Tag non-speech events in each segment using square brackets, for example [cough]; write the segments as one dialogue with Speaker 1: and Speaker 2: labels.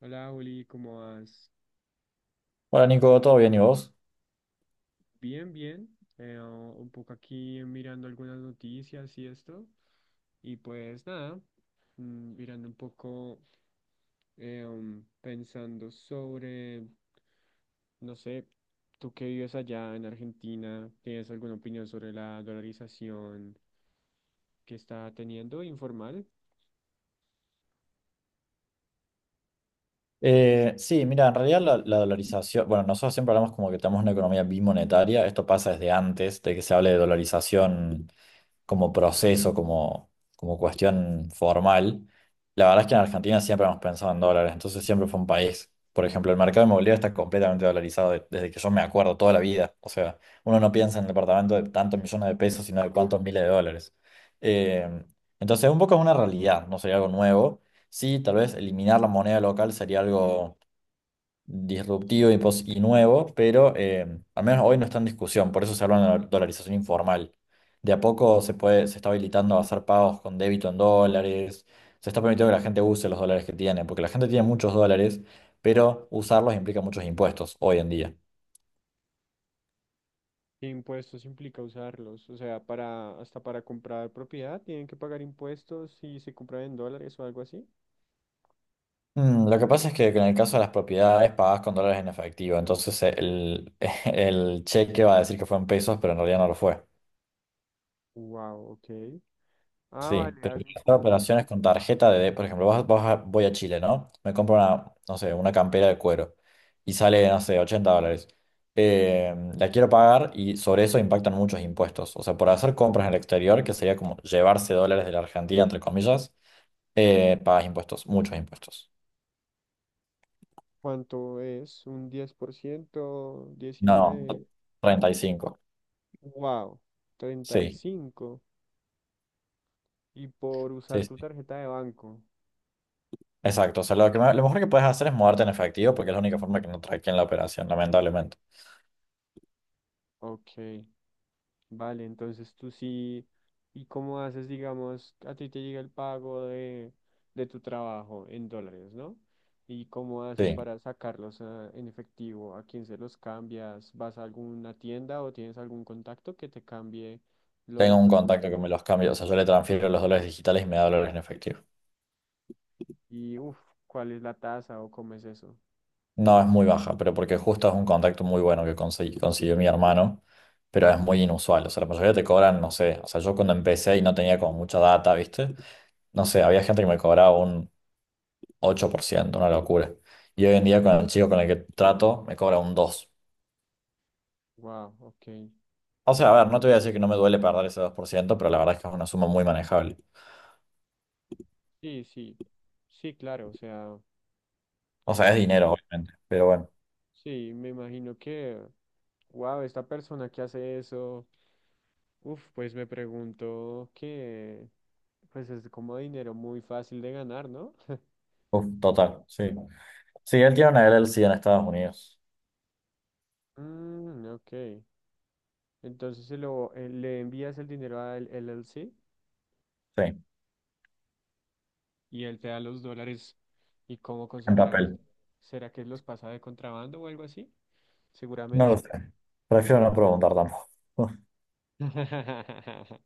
Speaker 1: Hola, Juli, ¿cómo vas?
Speaker 2: Hola Nico, ¿todo bien y vos?
Speaker 1: Bien, bien. Un poco aquí mirando algunas noticias y esto. Y pues nada, mirando un poco, pensando sobre, no sé, tú que vives allá en Argentina, ¿tienes alguna opinión sobre la dolarización que está teniendo informal?
Speaker 2: Sí, mira, en realidad la dolarización, bueno, nosotros siempre hablamos como que tenemos una economía bimonetaria. Esto pasa desde antes de que se hable de dolarización como proceso, como cuestión formal. La verdad es que en Argentina siempre hemos pensado en dólares, entonces siempre fue un país. Por ejemplo, el mercado inmobiliario está completamente dolarizado desde que yo me acuerdo toda la vida. O sea, uno no piensa en el departamento de tantos millones de pesos, sino de cuántos miles de dólares. Eh, entonces, un poco es una realidad, no sería algo nuevo. Sí, tal vez eliminar la moneda local sería algo disruptivo y, y nuevo, pero al menos hoy no está en discusión, por eso se habla de la dolarización informal. De a poco se puede, se está habilitando a hacer pagos con débito en dólares, se está permitiendo que la gente use los dólares que tiene, porque la gente tiene muchos dólares, pero usarlos implica muchos impuestos hoy en día.
Speaker 1: ¿Qué impuestos implica usarlos? O sea, para, hasta para comprar propiedad, ¿tienen que pagar impuestos si se compra en dólares o algo así?
Speaker 2: Mm, lo que pasa es que en el caso de las propiedades pagás con dólares en efectivo, entonces el, [laughs] el cheque va a decir que fue en pesos, pero en realidad no lo fue.
Speaker 1: Wow, ok. Ah,
Speaker 2: Sí,
Speaker 1: vale,
Speaker 2: pero
Speaker 1: hacen
Speaker 2: quiero hacer
Speaker 1: como,
Speaker 2: operaciones con tarjeta de, por ejemplo, voy a Chile, ¿no? Me compro una, no sé, una campera de cuero y sale, no sé, $80. La quiero pagar y sobre eso impactan muchos impuestos. O sea, por hacer compras en el exterior, que sería como llevarse dólares de la Argentina, entre comillas, pagas impuestos, muchos impuestos.
Speaker 1: ¿cuánto es? ¿Un 10%?
Speaker 2: No,
Speaker 1: ¿19?
Speaker 2: 35.
Speaker 1: Wow,
Speaker 2: Sí,
Speaker 1: 35. Y cinco. Y por
Speaker 2: sí,
Speaker 1: usar tu
Speaker 2: sí.
Speaker 1: tarjeta de banco.
Speaker 2: Exacto. O sea, lo que, lo mejor que puedes hacer es moverte en efectivo porque es la única forma que no traqueen la operación, lamentablemente.
Speaker 1: Ok, vale, entonces tú sí. ¿Y cómo haces, digamos, a ti te llega el pago de tu trabajo en dólares, ¿no? ¿Y cómo haces
Speaker 2: Sí.
Speaker 1: para sacarlos ah, en efectivo? ¿A quién se los cambias? ¿Vas a alguna tienda o tienes algún contacto que te cambie?
Speaker 2: Tengo
Speaker 1: Los
Speaker 2: un
Speaker 1: dólares.
Speaker 2: contacto que me los cambia, o sea, yo le transfiero los dólares digitales y me da dólares en efectivo.
Speaker 1: Y, uff, ¿cuál es la tasa o cómo es eso?
Speaker 2: No es muy baja, pero porque justo es un contacto muy bueno que consiguió mi hermano, pero es muy inusual. O sea, la mayoría te cobran, no sé, o sea, yo cuando empecé y no tenía como mucha data, ¿viste? No sé, había gente que me cobraba un 8%, una locura. Y hoy en día con el chico con el que trato, me cobra un 2%.
Speaker 1: Wow, ok.
Speaker 2: O sea, a ver, no te voy a decir que no me duele perder ese 2%, pero la verdad es que es una suma muy manejable.
Speaker 1: Sí, sí. Sí, claro, o sea,
Speaker 2: O sea, es
Speaker 1: wow.
Speaker 2: dinero, obviamente, pero bueno,
Speaker 1: Sí, me imagino que, wow, esta persona que hace eso, uff, pues me pregunto que, pues es como dinero muy fácil de ganar, ¿no?
Speaker 2: uf, total, sí. Sí, él tiene una LLC en Estados Unidos.
Speaker 1: Mm, ok. Entonces se lo, le envías el dinero al LLC
Speaker 2: Sí,
Speaker 1: y él te da los dólares. ¿Y cómo
Speaker 2: en
Speaker 1: conseguirá los
Speaker 2: papel.
Speaker 1: dólares? ¿Será que los pasa de contrabando o algo así?
Speaker 2: No lo
Speaker 1: Seguramente,
Speaker 2: sé.
Speaker 1: ¿no?
Speaker 2: Prefiero no preguntar tampoco. [laughs]
Speaker 1: [laughs]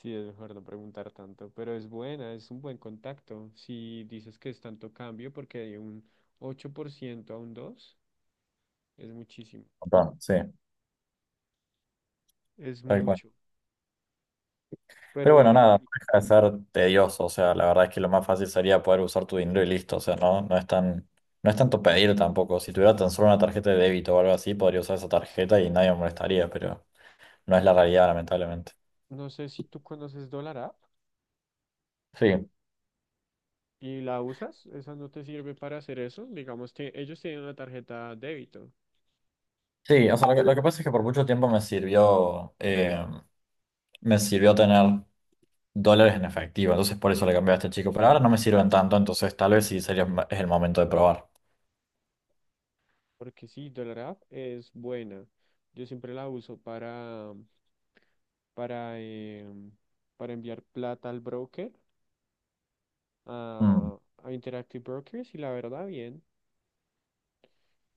Speaker 1: Sí, es mejor no preguntar tanto, pero es buena, es un buen contacto. Si dices que es tanto cambio, porque hay un 8% a un 2, es muchísimo,
Speaker 2: Un Sí,
Speaker 1: es
Speaker 2: tal cual.
Speaker 1: mucho. Pero
Speaker 2: Pero bueno,
Speaker 1: bueno,
Speaker 2: nada, no
Speaker 1: y
Speaker 2: deja de ser tedioso. O sea, la verdad es que lo más fácil sería poder usar tu dinero y listo. O sea, no, no es tanto pedir tampoco. Si tuviera tan solo una tarjeta de débito o algo así, podría usar esa tarjeta y nadie me molestaría, pero no es la realidad, lamentablemente.
Speaker 1: no sé si tú conoces Dollar App
Speaker 2: Sí,
Speaker 1: y la usas, esa no te sirve para hacer eso. Digamos que ellos tienen una tarjeta débito,
Speaker 2: sí, o sea, lo que pasa es que por mucho tiempo me sirvió tener dólares en efectivo. Entonces por eso le cambié a este chico. Pero ahora no me sirven tanto, entonces tal vez sí sería es el momento de probar.
Speaker 1: porque sí, Dollar App es buena. Yo siempre la uso para, em, para enviar plata al broker
Speaker 2: Mm.
Speaker 1: a Interactive Brokers y la verdad bien.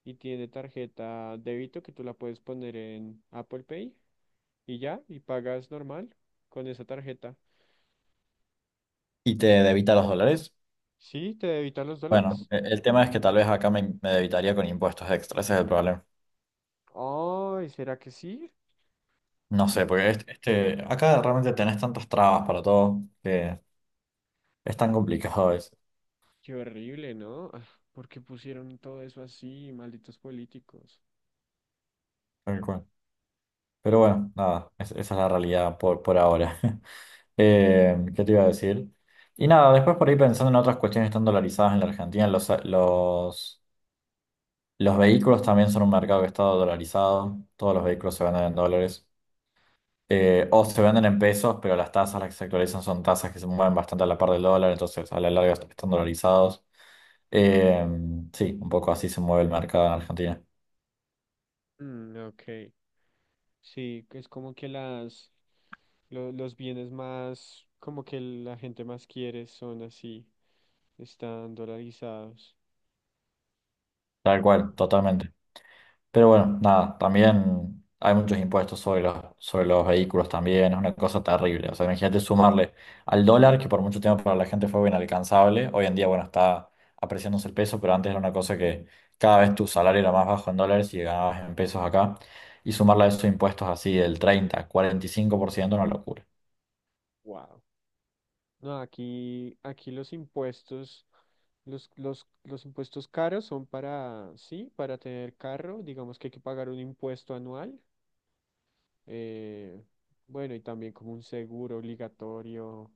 Speaker 1: Y tiene tarjeta débito que tú la puedes poner en Apple Pay y ya, y pagas normal con esa tarjeta.
Speaker 2: ¿Y te debita los dólares?
Speaker 1: Sí, te debita los
Speaker 2: Bueno,
Speaker 1: dólares.
Speaker 2: el tema es que tal vez acá me debitaría con impuestos extra, ese es el problema.
Speaker 1: Ay, ¿será que sí?
Speaker 2: No sé,
Speaker 1: Mm,
Speaker 2: porque acá realmente tenés tantas trabas para todo que es tan complicado a veces,
Speaker 1: qué horrible, ¿no? Ah, ¿por qué pusieron todo eso así, malditos políticos?
Speaker 2: tal cual. Pero bueno, nada, esa es la realidad por, ahora. [laughs] ¿Qué te iba a decir? Y nada, después por ahí pensando en otras cuestiones tan dolarizadas en la Argentina. Los vehículos también son un mercado que está dolarizado, todos los vehículos se venden en dólares o se venden en pesos, pero las tasas las que se actualizan son tasas que se mueven bastante a la par del dólar, entonces a la larga están dolarizados. Eh, sí, un poco así se mueve el mercado en Argentina.
Speaker 1: Mm, ok. Sí, que es como que las los bienes más, como que la gente más quiere son así, están dolarizados.
Speaker 2: Tal cual, totalmente. Pero bueno, nada, también hay muchos impuestos sobre los vehículos también, es una cosa terrible. O sea, imagínate sumarle al dólar, que por mucho tiempo para la gente fue inalcanzable. Hoy en día, bueno, está apreciándose el peso, pero antes era una cosa que cada vez tu salario era más bajo en dólares y ganabas en pesos acá. Y sumarle a esos impuestos así del 30, 45% una locura.
Speaker 1: Wow. No, aquí los impuestos, los impuestos caros son para, sí, para tener carro, digamos que hay que pagar un impuesto anual, eh, bueno, y también como un seguro obligatorio,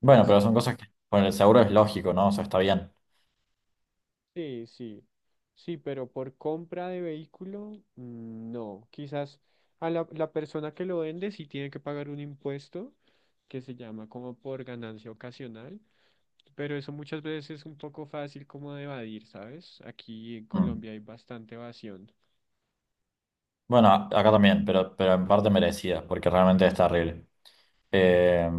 Speaker 2: Bueno, pero
Speaker 1: eso.
Speaker 2: son cosas que con el seguro es lógico, ¿no? O sea, está bien.
Speaker 1: Sí, sí, sí, pero por compra de vehículo, no, quizás a la persona que lo vende sí tiene que pagar un impuesto que se llama como por ganancia ocasional. Pero eso muchas veces es un poco fácil como de evadir, ¿sabes? Aquí en
Speaker 2: Mm.
Speaker 1: Colombia hay bastante evasión
Speaker 2: Bueno, acá también, pero en parte merecida, porque realmente es terrible. Eh,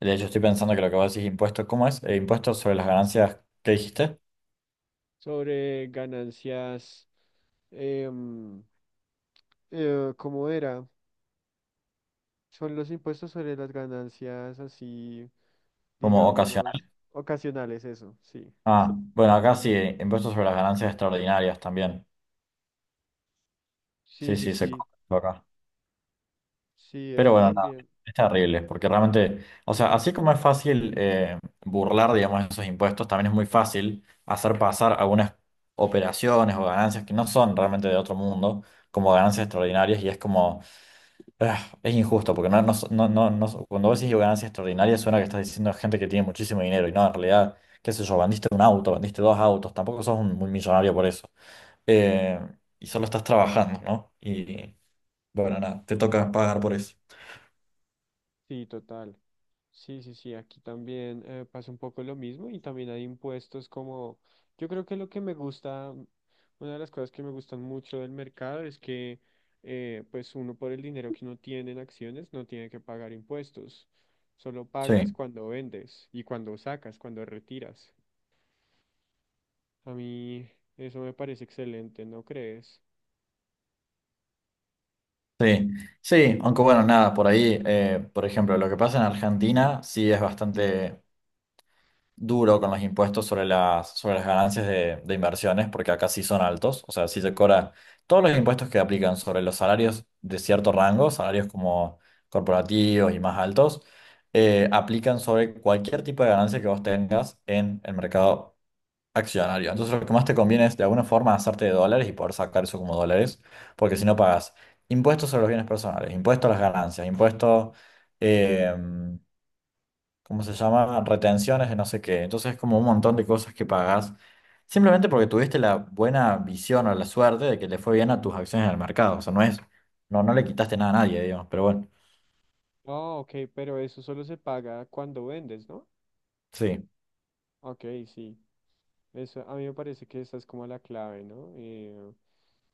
Speaker 2: De hecho, estoy pensando que lo que vos decís impuestos, ¿cómo es? Impuestos sobre las ganancias, ¿qué dijiste?
Speaker 1: sobre ganancias, em, ¿cómo era? Son los impuestos sobre las ganancias así,
Speaker 2: Como
Speaker 1: digamos,
Speaker 2: ocasional.
Speaker 1: ocasionales, eso, sí.
Speaker 2: Ah, bueno, acá sí, impuestos sobre las ganancias extraordinarias también.
Speaker 1: Sí,
Speaker 2: Sí,
Speaker 1: sí,
Speaker 2: sí, se
Speaker 1: sí,
Speaker 2: cobra eso acá.
Speaker 1: sí,
Speaker 2: Pero
Speaker 1: eso
Speaker 2: bueno, nada,
Speaker 1: también.
Speaker 2: es terrible, porque realmente, o sea, así como es fácil burlar, digamos, esos impuestos, también es muy fácil hacer pasar algunas operaciones o ganancias que no son realmente de otro mundo como ganancias extraordinarias y es como. Ah, es injusto, porque no, no, no, no, cuando vos decís digo, ganancia extraordinaria suena que estás diciendo gente que tiene muchísimo dinero y no, en realidad, qué sé yo, vendiste un auto, vendiste dos autos, tampoco sos un, millonario por eso. Eh, y solo estás trabajando, ¿no? Y bueno, nada, te toca pagar por eso.
Speaker 1: Sí, total. Sí, sí, sí, aquí también pasa un poco lo mismo y también hay impuestos como, yo creo que lo que me gusta, una de las cosas que me gustan mucho del mercado es que pues uno por el dinero que uno tiene en acciones no tiene que pagar impuestos, solo pagas
Speaker 2: Sí,
Speaker 1: cuando vendes y cuando sacas, cuando retiras. A mí eso me parece excelente, ¿no crees?
Speaker 2: sí, sí, aunque bueno, nada, por ahí, por ejemplo, lo que pasa en Argentina sí es bastante... duro con los impuestos sobre las, ganancias de inversiones, porque acá sí son altos, o sea, sí se cobra todos los impuestos que aplican sobre los salarios de cierto rango, salarios como corporativos y más altos, aplican sobre cualquier tipo de ganancia que vos tengas en el mercado accionario. Entonces lo que más te conviene es de alguna forma hacerte de dólares y poder sacar eso como dólares, porque si no pagas impuestos sobre los bienes personales, impuestos a las ganancias, impuestos... eh, ¿cómo se llama? Retenciones de no sé qué. Entonces es como un montón de cosas que pagás simplemente porque tuviste la buena visión o la suerte de que le fue bien a tus acciones en el mercado. O sea, no es, no, no le quitaste nada a nadie, digamos, pero bueno,
Speaker 1: Ah, ok, pero eso solo se paga cuando vendes, ¿no?
Speaker 2: sí.
Speaker 1: Ok, sí. Eso, a mí me parece que esa es como la clave, ¿no?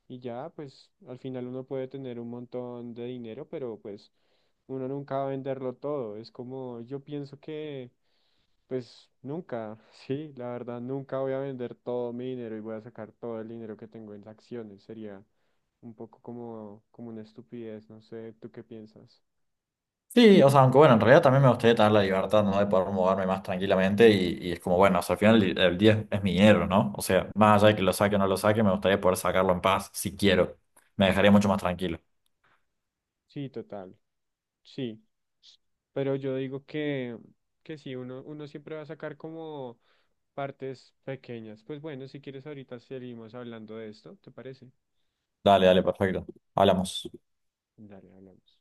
Speaker 1: Y ya, pues al final uno puede tener un montón de dinero, pero pues uno nunca va a venderlo todo. Es como, yo pienso que, pues nunca, [laughs] sí, la verdad, nunca voy a vender todo mi dinero y voy a sacar todo el dinero que tengo en acciones. Sería un poco como una estupidez, no sé, ¿tú qué piensas?
Speaker 2: Sí, o sea, aunque bueno, en realidad también me gustaría tener la libertad, ¿no? De poder moverme más tranquilamente y es como, bueno, o sea, al final el día es mi dinero, ¿no? O sea, más allá de que lo saque o no lo saque, me gustaría poder sacarlo en paz, si quiero. Me dejaría mucho más tranquilo.
Speaker 1: Sí, total, sí. Pero yo digo que, sí, uno siempre va a sacar como partes pequeñas. Pues bueno, si quieres ahorita seguimos hablando de esto, ¿te parece?
Speaker 2: Dale, dale, perfecto. Hablamos.
Speaker 1: Dale, hablamos.